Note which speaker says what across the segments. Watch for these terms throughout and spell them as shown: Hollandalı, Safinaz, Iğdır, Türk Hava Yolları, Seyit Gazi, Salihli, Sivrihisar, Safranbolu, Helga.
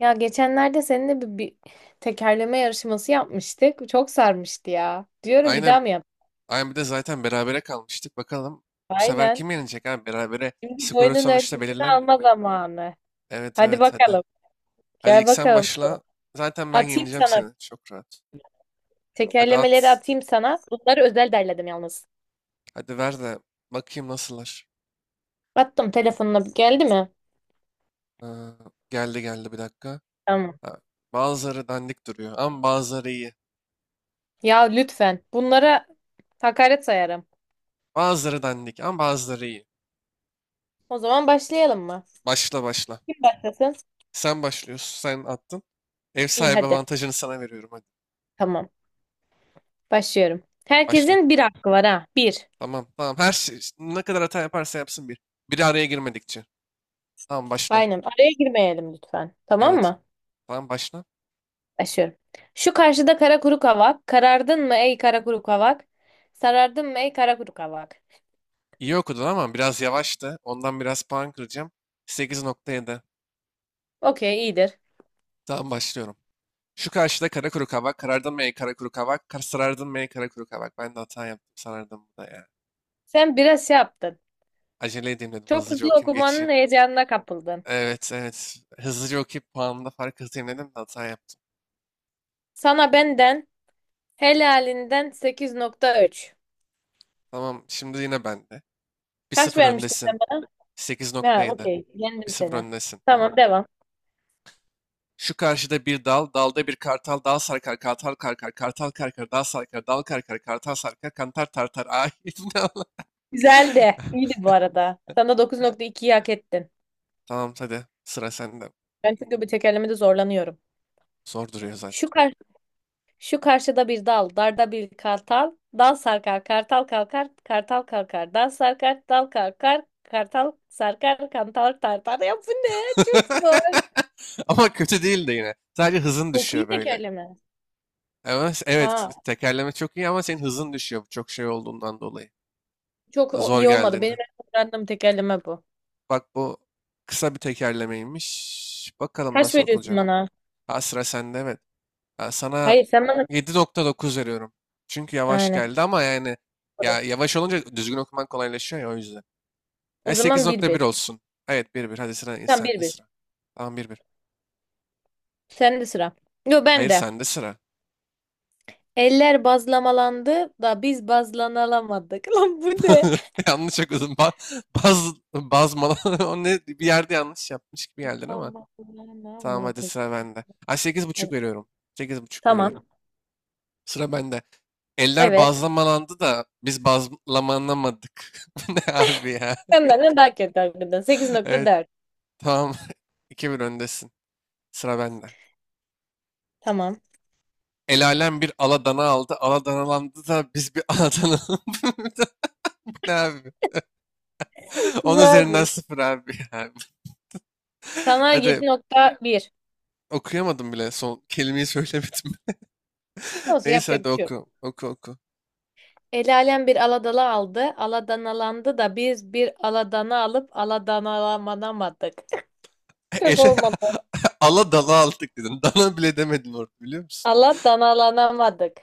Speaker 1: Ya geçenlerde seninle bir tekerleme yarışması yapmıştık. Çok sarmıştı ya. Diyorum bir
Speaker 2: Aynen.
Speaker 1: daha mı yap?
Speaker 2: Aynen bir de zaten berabere kalmıştık. Bakalım bu sefer
Speaker 1: Aynen.
Speaker 2: kim yenecek abi? Berabere
Speaker 1: Şimdi
Speaker 2: skoru
Speaker 1: boyunun
Speaker 2: sonuçta
Speaker 1: ölçüsünü
Speaker 2: belirlenmiyor.
Speaker 1: alma zamanı.
Speaker 2: Evet
Speaker 1: Hadi
Speaker 2: evet, hadi.
Speaker 1: bakalım.
Speaker 2: Hadi
Speaker 1: Gel
Speaker 2: ilk sen
Speaker 1: bakalım.
Speaker 2: başla. Zaten ben
Speaker 1: Atayım
Speaker 2: yeneceğim
Speaker 1: sana.
Speaker 2: seni. Çok rahat. Hadi at.
Speaker 1: Tekerlemeleri atayım sana. Bunları özel derledim yalnız.
Speaker 2: Hadi ver de bakayım nasıllar.
Speaker 1: Attım telefonuna. Geldi mi?
Speaker 2: Ee, geldi geldi, bir dakika.
Speaker 1: Tamam.
Speaker 2: Ha, bazıları dandik duruyor ama bazıları iyi.
Speaker 1: Ya lütfen. Bunlara hakaret sayarım.
Speaker 2: Bazıları dandik ama bazıları iyi.
Speaker 1: O zaman başlayalım mı?
Speaker 2: Başla başla.
Speaker 1: Kim başlasın?
Speaker 2: Sen başlıyorsun. Sen attın. Ev
Speaker 1: İyi
Speaker 2: sahibi
Speaker 1: hadi.
Speaker 2: avantajını sana veriyorum, hadi.
Speaker 1: Tamam. Başlıyorum.
Speaker 2: Başla.
Speaker 1: Herkesin bir hakkı var ha. Bir.
Speaker 2: Tamam tamam. Her şey, ne kadar hata yaparsa yapsın bir. Biri araya girmedikçe. Tamam başla.
Speaker 1: Aynen. Araya girmeyelim lütfen. Tamam
Speaker 2: Evet.
Speaker 1: mı?
Speaker 2: Tamam başla.
Speaker 1: Aşıyorum. Şu karşıda kara kuru kavak. Karardın mı ey kara kuru kavak? Sarardın mı ey kara kuru kavak?
Speaker 2: İyi okudun ama biraz yavaştı. Ondan biraz puan kıracağım. 8.7.
Speaker 1: Okey iyidir.
Speaker 2: Tamam başlıyorum. Şu karşıda kara kuru kavak. Karardın mı ey kara kuru kavak? Kar sarardın mı ey kara kuru kavak? Ben de hata yaptım, sarardım bu da ya.
Speaker 1: Sen biraz şey yaptın.
Speaker 2: Acele edeyim dedim.
Speaker 1: Çok
Speaker 2: Hızlıca
Speaker 1: hızlı
Speaker 2: okuyayım
Speaker 1: okumanın
Speaker 2: geçeyim.
Speaker 1: heyecanına kapıldın.
Speaker 2: Evet evet. Hızlıca okuyup puanımda fark atayım dedim de hata yaptım.
Speaker 1: Sana benden helalinden 8.3.
Speaker 2: Tamam şimdi yine bende. bir
Speaker 1: Kaç
Speaker 2: sıfır
Speaker 1: vermiştin sen
Speaker 2: öndesin.
Speaker 1: bana? Ha,
Speaker 2: 8.7.
Speaker 1: okey.
Speaker 2: bir
Speaker 1: Yendim
Speaker 2: sıfır
Speaker 1: seni.
Speaker 2: öndesin. Tamam.
Speaker 1: Tamam devam.
Speaker 2: Şu karşıda bir dal, dalda bir kartal, dal sarkar, kartal karkar, kartal karkar, dal sarkar, dal karkar, kartal sarkar, kantar tartar. Ay ne Allah.
Speaker 1: Güzeldi. İyiydi bu arada. Sana 9.2'yi hak ettin.
Speaker 2: Tamam hadi sıra sende.
Speaker 1: Ben çünkü bu tekerlemede zorlanıyorum.
Speaker 2: Zor duruyor zaten.
Speaker 1: Şu kar Şu karşıda bir dal, darda bir kartal. Dal sarkar, kartal kalkar, kartal kalkar. Dal sarkar, dal kalkar, kartal sarkar, kantal tartar. Ya bu ne? Çok zor.
Speaker 2: Ama kötü değil de yine. Sadece hızın
Speaker 1: Çok
Speaker 2: düşüyor
Speaker 1: iyi
Speaker 2: böyle.
Speaker 1: tekerleme.
Speaker 2: Ama evet,
Speaker 1: Ha,
Speaker 2: tekerleme çok iyi ama senin hızın düşüyor bu çok şey olduğundan dolayı.
Speaker 1: çok
Speaker 2: Zor
Speaker 1: iyi olmadı. Benim
Speaker 2: geldiğinden.
Speaker 1: en öğrendiğim tekerleme bu.
Speaker 2: Bak bu kısa bir tekerlemeymiş. Bakalım
Speaker 1: Kaç
Speaker 2: nasıl
Speaker 1: veriyorsun
Speaker 2: okunacak.
Speaker 1: bana?
Speaker 2: Ha, sıra sende evet. Ben sana
Speaker 1: Hayır, sen bana...
Speaker 2: 7.9 veriyorum. Çünkü yavaş
Speaker 1: Aynen.
Speaker 2: geldi ama yani ya yavaş olunca düzgün okuman kolaylaşıyor ya, o yüzden.
Speaker 1: O
Speaker 2: E, sekiz
Speaker 1: zaman bir
Speaker 2: nokta bir
Speaker 1: bir.
Speaker 2: olsun. Evet, 1-1. Hadi sıra
Speaker 1: Sen bir
Speaker 2: sende
Speaker 1: bir.
Speaker 2: sıra. Tamam, 1-1.
Speaker 1: Sen de sıra. Yo ben
Speaker 2: Hayır
Speaker 1: de.
Speaker 2: sende sıra.
Speaker 1: Eller bazlamalandı da biz bazlanalamadık. Lan bu ne?
Speaker 2: Yanlış okudum. Ba baz bazmala O ne, bir yerde yanlış yapmış gibi geldin ama tamam, hadi
Speaker 1: Bazlanamadık.
Speaker 2: sıra bende. Ha, 8.5
Speaker 1: Hadi.
Speaker 2: veriyorum. 8.5 veriyorum.
Speaker 1: Tamam.
Speaker 2: Sıra bende. Eller
Speaker 1: Evet.
Speaker 2: bazlamalandı da biz bazlamanamadık. Bu ne abi ya?
Speaker 1: Sen benden daha kötü hakikaten. sekiz nokta
Speaker 2: Evet
Speaker 1: dört.
Speaker 2: tamam. 2-1 öndesin. Sıra bende.
Speaker 1: Tamam.
Speaker 2: El alem bir aladana aldı. Aladanalandı da biz bir aladana... Ne abi? 10
Speaker 1: Güzel
Speaker 2: üzerinden
Speaker 1: bir.
Speaker 2: sıfır abi, ya.
Speaker 1: Sana
Speaker 2: Hadi
Speaker 1: 7.1.
Speaker 2: okuyamadım bile. Son kelimeyi söylemedim.
Speaker 1: Olsun
Speaker 2: Neyse
Speaker 1: yapacak
Speaker 2: hadi
Speaker 1: bir şey yok.
Speaker 2: oku. Oku oku.
Speaker 1: El alem bir aladala aldı. Aladanalandı da biz bir aladana alıp aladanalanamadık. Çok
Speaker 2: Ele
Speaker 1: olmadı.
Speaker 2: ala dala aldık dedin. Dana bile demedin orada, biliyor musun?
Speaker 1: Aladanalanamadık.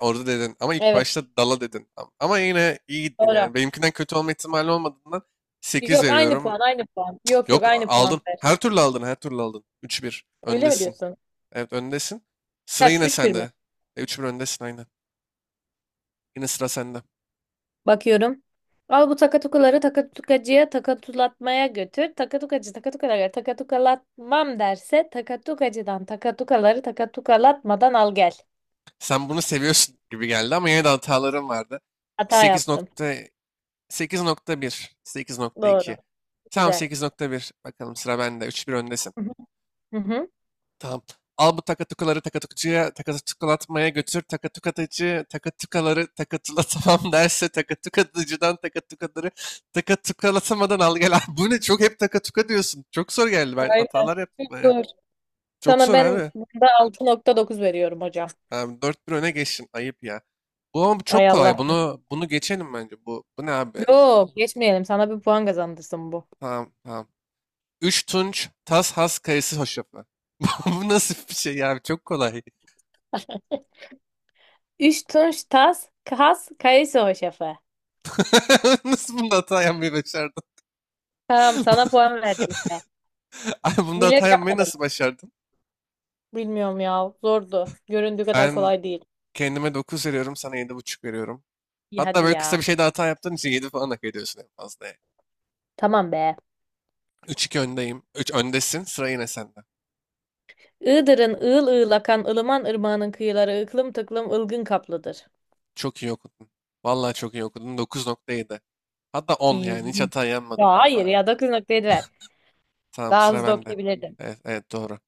Speaker 2: Orada dedin. Ama ilk
Speaker 1: Evet
Speaker 2: başta dala dedin. Ama yine iyi gittin
Speaker 1: doğru.
Speaker 2: yani. Benimkinden kötü olma ihtimali olmadığından 8
Speaker 1: Yok aynı
Speaker 2: veriyorum.
Speaker 1: puan aynı puan. Yok yok
Speaker 2: Yok
Speaker 1: aynı puan
Speaker 2: aldın.
Speaker 1: ver.
Speaker 2: Her türlü aldın. Her türlü aldın. 3-1.
Speaker 1: Öyle mi
Speaker 2: Öndesin.
Speaker 1: diyorsun?
Speaker 2: Evet öndesin. Sıra
Speaker 1: Kaç?
Speaker 2: yine
Speaker 1: Üç bir mi?
Speaker 2: sende. 3-1 öndesin, aynen. Yine sıra sende.
Speaker 1: Bakıyorum. Al bu takatukaları takatukacıya takatulatmaya götür. Takatukacı takatukaları takatukalatmam derse takatukacıdan takatukaları takatukalatmadan al gel.
Speaker 2: Sen bunu seviyorsun gibi geldi ama yine de hatalarım vardı.
Speaker 1: Hata yaptım.
Speaker 2: 8.8.1,
Speaker 1: Doğru.
Speaker 2: 8.2. Tamam
Speaker 1: Güzel.
Speaker 2: 8.1. Bakalım sıra bende. 3-1 öndesin.
Speaker 1: Hı hı. Hı hı.
Speaker 2: Tamam. Al bu takatukaları takatukucuya takatukulatmaya götür. Takatukatıcı takatukaları takatula tamam derse takatukatıcıdan takatukaları takatukalatamadan al gel. Bu ne? Çok hep takatuka diyorsun. Çok zor geldi. Ben
Speaker 1: Aynen.
Speaker 2: hatalar yaptım,
Speaker 1: Çok
Speaker 2: bayağı.
Speaker 1: zor.
Speaker 2: Çok
Speaker 1: Sana
Speaker 2: zor
Speaker 1: ben
Speaker 2: abi.
Speaker 1: bunda 6.9 veriyorum hocam.
Speaker 2: Abi 4-1 öne geçtin. Ayıp ya. Bu ama
Speaker 1: Ay
Speaker 2: çok
Speaker 1: Allah.
Speaker 2: kolay. Bunu bunu geçelim bence. Bu bu ne abi?
Speaker 1: Yok geçmeyelim. Sana bir puan kazandırsın bu.
Speaker 2: Tamam tamam. 3 tunç tas has kayısı hoşafı. Bu bu nasıl bir şey ya abi? Çok kolay.
Speaker 1: Üç tunç tas kas kayısı hoşafı.
Speaker 2: Nasıl bunda hata yapmayı başardın?
Speaker 1: Tamam sana puan verdim işte.
Speaker 2: Ay, bunda
Speaker 1: Bilerek
Speaker 2: hata yapmayı
Speaker 1: yapmadım.
Speaker 2: nasıl başardın?
Speaker 1: Bilmiyorum ya. Zordu. Göründüğü kadar
Speaker 2: Ben
Speaker 1: kolay değil.
Speaker 2: kendime 9 veriyorum. Sana 7.5 veriyorum.
Speaker 1: İyi
Speaker 2: Hatta
Speaker 1: hadi
Speaker 2: böyle kısa
Speaker 1: ya.
Speaker 2: bir şeyde hata yaptığın için 7 falan hak ediyorsun en fazla, yani.
Speaker 1: Tamam be.
Speaker 2: 3-2 öndeyim. 3 öndesin. Sıra yine sende.
Speaker 1: Iğdır'ın ığıl ığıl akan ılıman ırmağının kıyıları ıklım tıklım ılgın kaplıdır.
Speaker 2: Çok iyi okudun. Vallahi çok iyi okudun. 9.7. Hatta 10 yani, hiç
Speaker 1: İyi.
Speaker 2: hata yanmadın
Speaker 1: Ya hayır
Speaker 2: valla.
Speaker 1: ya 9 noktayı ver.
Speaker 2: Tamam
Speaker 1: Daha
Speaker 2: sıra
Speaker 1: hızlı
Speaker 2: bende.
Speaker 1: okuyabilirdim.
Speaker 2: Evet, evet doğru.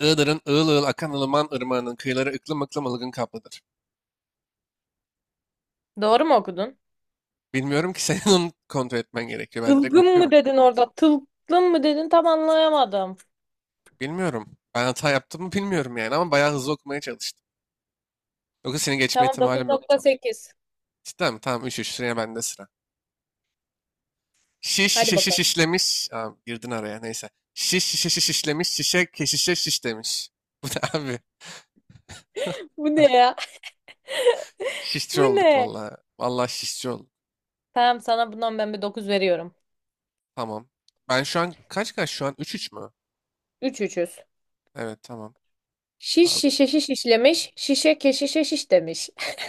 Speaker 2: Iğdır'ın ığıl ığıl akan ılıman ırmağının kıyıları ıklım ıklım ılgın kaplıdır.
Speaker 1: Doğru mu okudun?
Speaker 2: Bilmiyorum ki senin onu kontrol etmen gerekiyor. Ben direkt
Speaker 1: Ilgın mı
Speaker 2: okuyorum.
Speaker 1: dedin orada? Tılgın mı dedin? Tam anlayamadım.
Speaker 2: Bilmiyorum. Ben hata yaptım mı bilmiyorum yani ama bayağı hızlı okumaya çalıştım. Yoksa seni geçme
Speaker 1: Tamam dokuz
Speaker 2: ihtimalim
Speaker 1: nokta
Speaker 2: yoktu.
Speaker 1: sekiz.
Speaker 2: Cidden mi? Tamam 3-3, sıraya bende sıra. Şiş
Speaker 1: Hadi
Speaker 2: şişe şiş
Speaker 1: bakalım.
Speaker 2: işlemiş. Aa, girdin araya neyse. Şiş şişe şiş işlemiş. Şişe keşişe şiş demiş. Bu ne abi?
Speaker 1: Bu ne ya?
Speaker 2: Şişçi
Speaker 1: Bu
Speaker 2: olduk
Speaker 1: ne?
Speaker 2: valla. Valla şişçi olduk.
Speaker 1: Tamam sana bundan ben bir 9 veriyorum.
Speaker 2: Tamam. Ben şu an kaç kaç şu an? Üç üç mü?
Speaker 1: 3 üçüz.
Speaker 2: Evet tamam.
Speaker 1: Şiş
Speaker 2: Abi,
Speaker 1: şişe şiş işlemiş, şişe keşişe şiş demiş.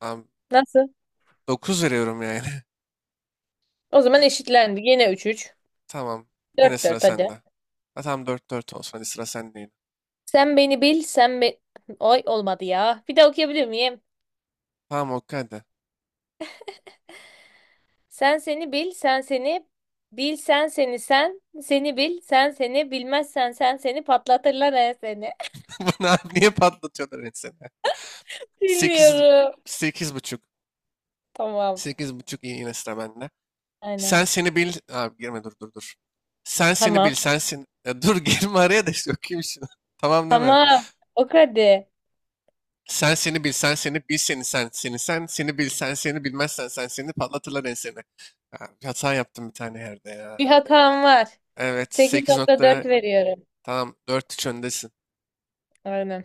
Speaker 2: abi,
Speaker 1: Nasıl?
Speaker 2: 9 veriyorum yani.
Speaker 1: O zaman eşitlendi. Yine 3-3.
Speaker 2: Tamam. Yine sıra
Speaker 1: 4-4 hadi.
Speaker 2: sende. Ha, tamam dört 4 olsun. Hadi sıra sende yine.
Speaker 1: Sen beni bil, sen be... Oy olmadı ya. Bir daha okuyabilir miyim?
Speaker 2: Tamam okey hadi.
Speaker 1: Sen seni bil, sen seni bil, sen seni sen, seni bil, sen seni bilmezsen sen seni patlatırlar he seni.
Speaker 2: Bana abi niye patlatıyorlar insanı? 8,
Speaker 1: Bilmiyorum.
Speaker 2: 8.5.
Speaker 1: Tamam.
Speaker 2: 8.5 iyi, yine sıra bende.
Speaker 1: Aynen.
Speaker 2: Sen seni bil. Abi girme, dur dur dur. Sen seni bil.
Speaker 1: Tamam.
Speaker 2: Sen seni. Ya dur girme araya da işte okuyayım şunu. Tamam deme.
Speaker 1: Tamam. O hadi.
Speaker 2: Sen seni bilsen seni bil seni sen seni sen seni bilsen seni bilmezsen sen seni patlatırlar enseni. Ha, bir hata yaptım bir tane yerde ya.
Speaker 1: Bir hatam var.
Speaker 2: Evet, 8
Speaker 1: 8.4
Speaker 2: nokta.
Speaker 1: peki veriyorum.
Speaker 2: Tamam, 4-3 öndesin.
Speaker 1: Aynen.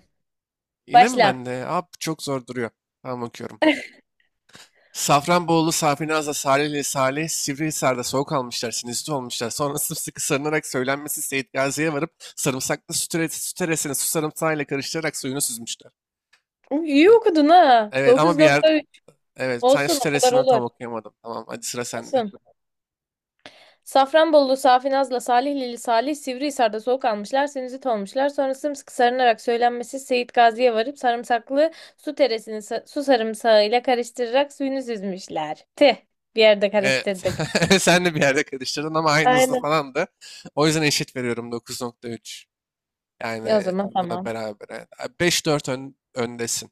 Speaker 2: Yine mi
Speaker 1: Başla.
Speaker 2: bende? Abi çok zor duruyor. Tamam okuyorum. Safranbolu, Safinaz'la Salihli, Salih, Sivrihisar'da soğuk almışlar, sinüzit olmuşlar. Sonra sımsıkı sarınarak söylenmesi Seyit Gazi'ye varıp sarımsaklı süt, süt eresini su sarımsağıyla karıştırarak suyunu süzmüşler.
Speaker 1: Uy, İyi
Speaker 2: Ha,
Speaker 1: okudun ha.
Speaker 2: evet ama bir yer...
Speaker 1: 9.3
Speaker 2: Evet, sen
Speaker 1: olsun o kadar
Speaker 2: süresinden
Speaker 1: olur.
Speaker 2: tam okuyamadım. Tamam, hadi sıra sende.
Speaker 1: Olsun. Safranbolulu Safi Naz'la Salihlili Salih Sivrihisar'da soğuk almışlar, sinüzit olmuşlar. Sonra sımsıkı sarınarak söylenmesi Seyit Gazi'ye varıp sarımsaklı su teresini su sarımsağıyla karıştırarak suyunu süzmüşler. Tih, bir yerde
Speaker 2: Evet.
Speaker 1: karıştırdık.
Speaker 2: Sen de bir yerde karıştırdın ama aynı hızlı
Speaker 1: Aynen.
Speaker 2: falandı. O yüzden eşit veriyorum, 9.3.
Speaker 1: E o
Speaker 2: Yani
Speaker 1: zaman
Speaker 2: bu da
Speaker 1: tamam.
Speaker 2: beraber. 5-4 öndesin.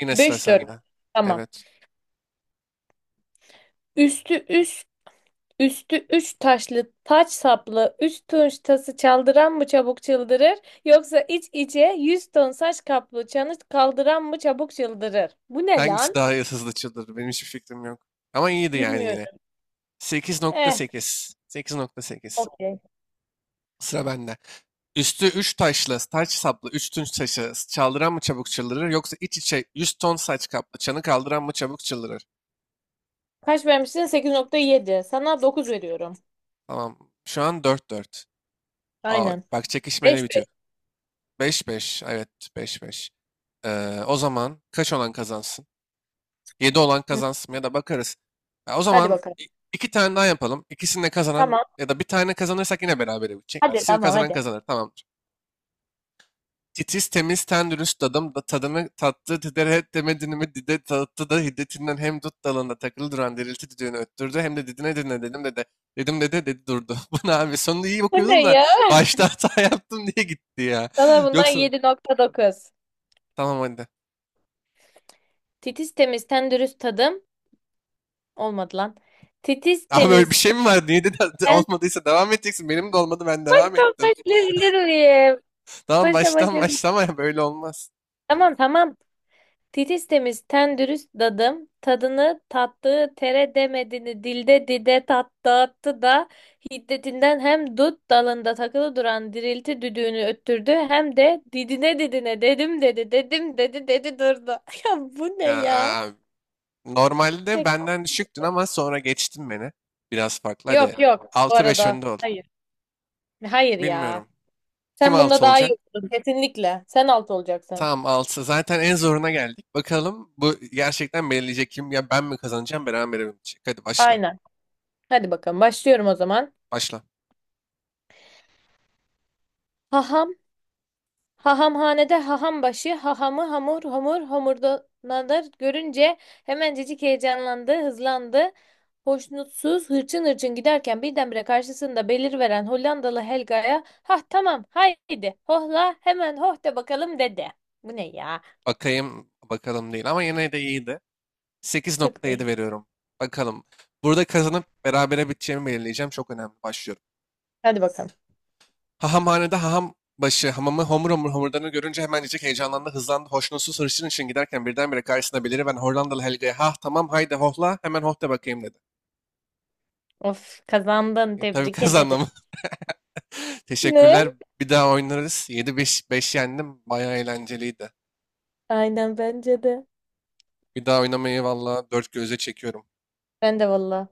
Speaker 2: Yine sıra
Speaker 1: Beş dört.
Speaker 2: sende.
Speaker 1: Tamam.
Speaker 2: Evet.
Speaker 1: Üstü üst Üstü üç taşlı taç saplı üç tunç tası çaldıran mı çabuk çıldırır yoksa iç içe yüz ton saç kaplı çanı kaldıran mı çabuk çıldırır? Bu ne
Speaker 2: Hangisi
Speaker 1: lan?
Speaker 2: daha hızlı çıldırdı? Benim hiçbir fikrim yok. Ama iyiydi yani yine.
Speaker 1: Bilmiyorum.
Speaker 2: Sekiz nokta
Speaker 1: Eh,
Speaker 2: sekiz. 8.8 nokta sekiz.
Speaker 1: Okey.
Speaker 2: Sıra bende. Üstü üç taşlı, taç saplı, üç tunç taşı, çaldıran mı çabuk çıldırır, yoksa iç içe yüz ton saç kaplı, çanı kaldıran mı çabuk çıldırır.
Speaker 1: Kaç vermişsin? 8.7. Sana 9 veriyorum.
Speaker 2: Tamam, şu an 4-4. Aa,
Speaker 1: Aynen.
Speaker 2: bak çekişmeyle bitiyor.
Speaker 1: 5-5.
Speaker 2: 5-5. Evet, 5-5. O zaman kaç olan kazansın? 7 olan
Speaker 1: Hı,
Speaker 2: kazansın ya da bakarız. Ya o
Speaker 1: Hadi
Speaker 2: zaman
Speaker 1: bakalım.
Speaker 2: iki tane daha yapalım. İkisini de kazanan
Speaker 1: Tamam.
Speaker 2: ya da bir tane kazanırsak yine berabere bitecek.
Speaker 1: Hadi
Speaker 2: İkisini
Speaker 1: tamam
Speaker 2: kazanan
Speaker 1: hadi.
Speaker 2: kazanır, tamamdır. Titiz temiz ten dürüst adam da tadını tattı diderhet demedini mi dide tattı da hiddetinden hem dut dalında takılı duran dirilti düdüğünü öttürdü hem de didine didine dedim dede dedim dede dedi durdu. Bu ne abi, sonunda iyi
Speaker 1: Bu ne
Speaker 2: okuyordun da
Speaker 1: ya?
Speaker 2: başta hata yaptım diye gitti ya.
Speaker 1: Sana bundan
Speaker 2: Yoksa
Speaker 1: 7.9.
Speaker 2: tamam, hadi.
Speaker 1: Titiz temiz ten dürüst tadım. Olmadı lan. Titiz
Speaker 2: Abi öyle bir
Speaker 1: temiz
Speaker 2: şey mi var? Niye de
Speaker 1: ten...
Speaker 2: olmadıysa devam edeceksin. Benim de olmadı, ben devam
Speaker 1: Baştan
Speaker 2: ettim.
Speaker 1: başlayabilir miyim?
Speaker 2: Tamam
Speaker 1: Baştan
Speaker 2: baştan
Speaker 1: başlayabilir miyim?
Speaker 2: başlama ya, böyle olmaz.
Speaker 1: Tamam tamam. Titiz temiz ten dürüst dadım, tadını tattığı tere demedini dilde dide tat dağıttı da hiddetinden hem dut dalında takılı duran dirilti düdüğünü öttürdü hem de didine didine dedim dedi dedim dedi dedi durdu. Ya bu ne
Speaker 2: Ya,
Speaker 1: ya?
Speaker 2: abi, normalde
Speaker 1: Pek-
Speaker 2: benden düşüktün ama sonra geçtin beni. Biraz farklı hadi,
Speaker 1: Yok yok bu
Speaker 2: 6-5
Speaker 1: arada.
Speaker 2: önde ol.
Speaker 1: Hayır. Hayır ya.
Speaker 2: Bilmiyorum. Kim
Speaker 1: Sen bunda
Speaker 2: 6
Speaker 1: daha
Speaker 2: olacak?
Speaker 1: iyi oldun kesinlikle. Sen alt olacaksın.
Speaker 2: Tamam 6. Zaten en zoruna geldik. Bakalım bu gerçekten belirleyecek kim? Ya ben mi kazanacağım, beraber mi bitecek? Hadi başla.
Speaker 1: Aynen. Hadi bakalım başlıyorum o zaman.
Speaker 2: Başla.
Speaker 1: Haham Hahamhanede haham başı, hahamı hamur hamur homurdanadır görünce hemencecik heyecanlandı, hızlandı. Hoşnutsuz hırçın hırçın giderken birdenbire karşısında belirveren Hollandalı Helga'ya ha tamam haydi hohla hemen hoh de bakalım dedi. Bu ne ya?
Speaker 2: Bakayım, bakalım değil ama yine de iyiydi. sekiz
Speaker 1: Çok
Speaker 2: nokta yedi
Speaker 1: iyi.
Speaker 2: veriyorum. Bakalım. Burada kazanıp berabere biteceğimi belirleyeceğim. Çok önemli. Başlıyorum.
Speaker 1: Hadi bakalım.
Speaker 2: Hahamhanede haham başı hamamı homur homur homurdanı görünce hemen diyecek heyecanlandı, hızlandı, hoşnutsuz hırçın için giderken birdenbire karşısına beliriven Hollandalı Helga'ya ha tamam haydi hohla hemen hoh de bakayım dedi.
Speaker 1: Of kazandın
Speaker 2: Tabii
Speaker 1: tebrik ederim.
Speaker 2: kazandım. Teşekkürler.
Speaker 1: Ne?
Speaker 2: Bir daha oynarız. 7-5, 5 yendim. Bayağı eğlenceliydi.
Speaker 1: Aynen bence de.
Speaker 2: Bir daha oynamayı valla dört gözle çekiyorum.
Speaker 1: Ben de valla.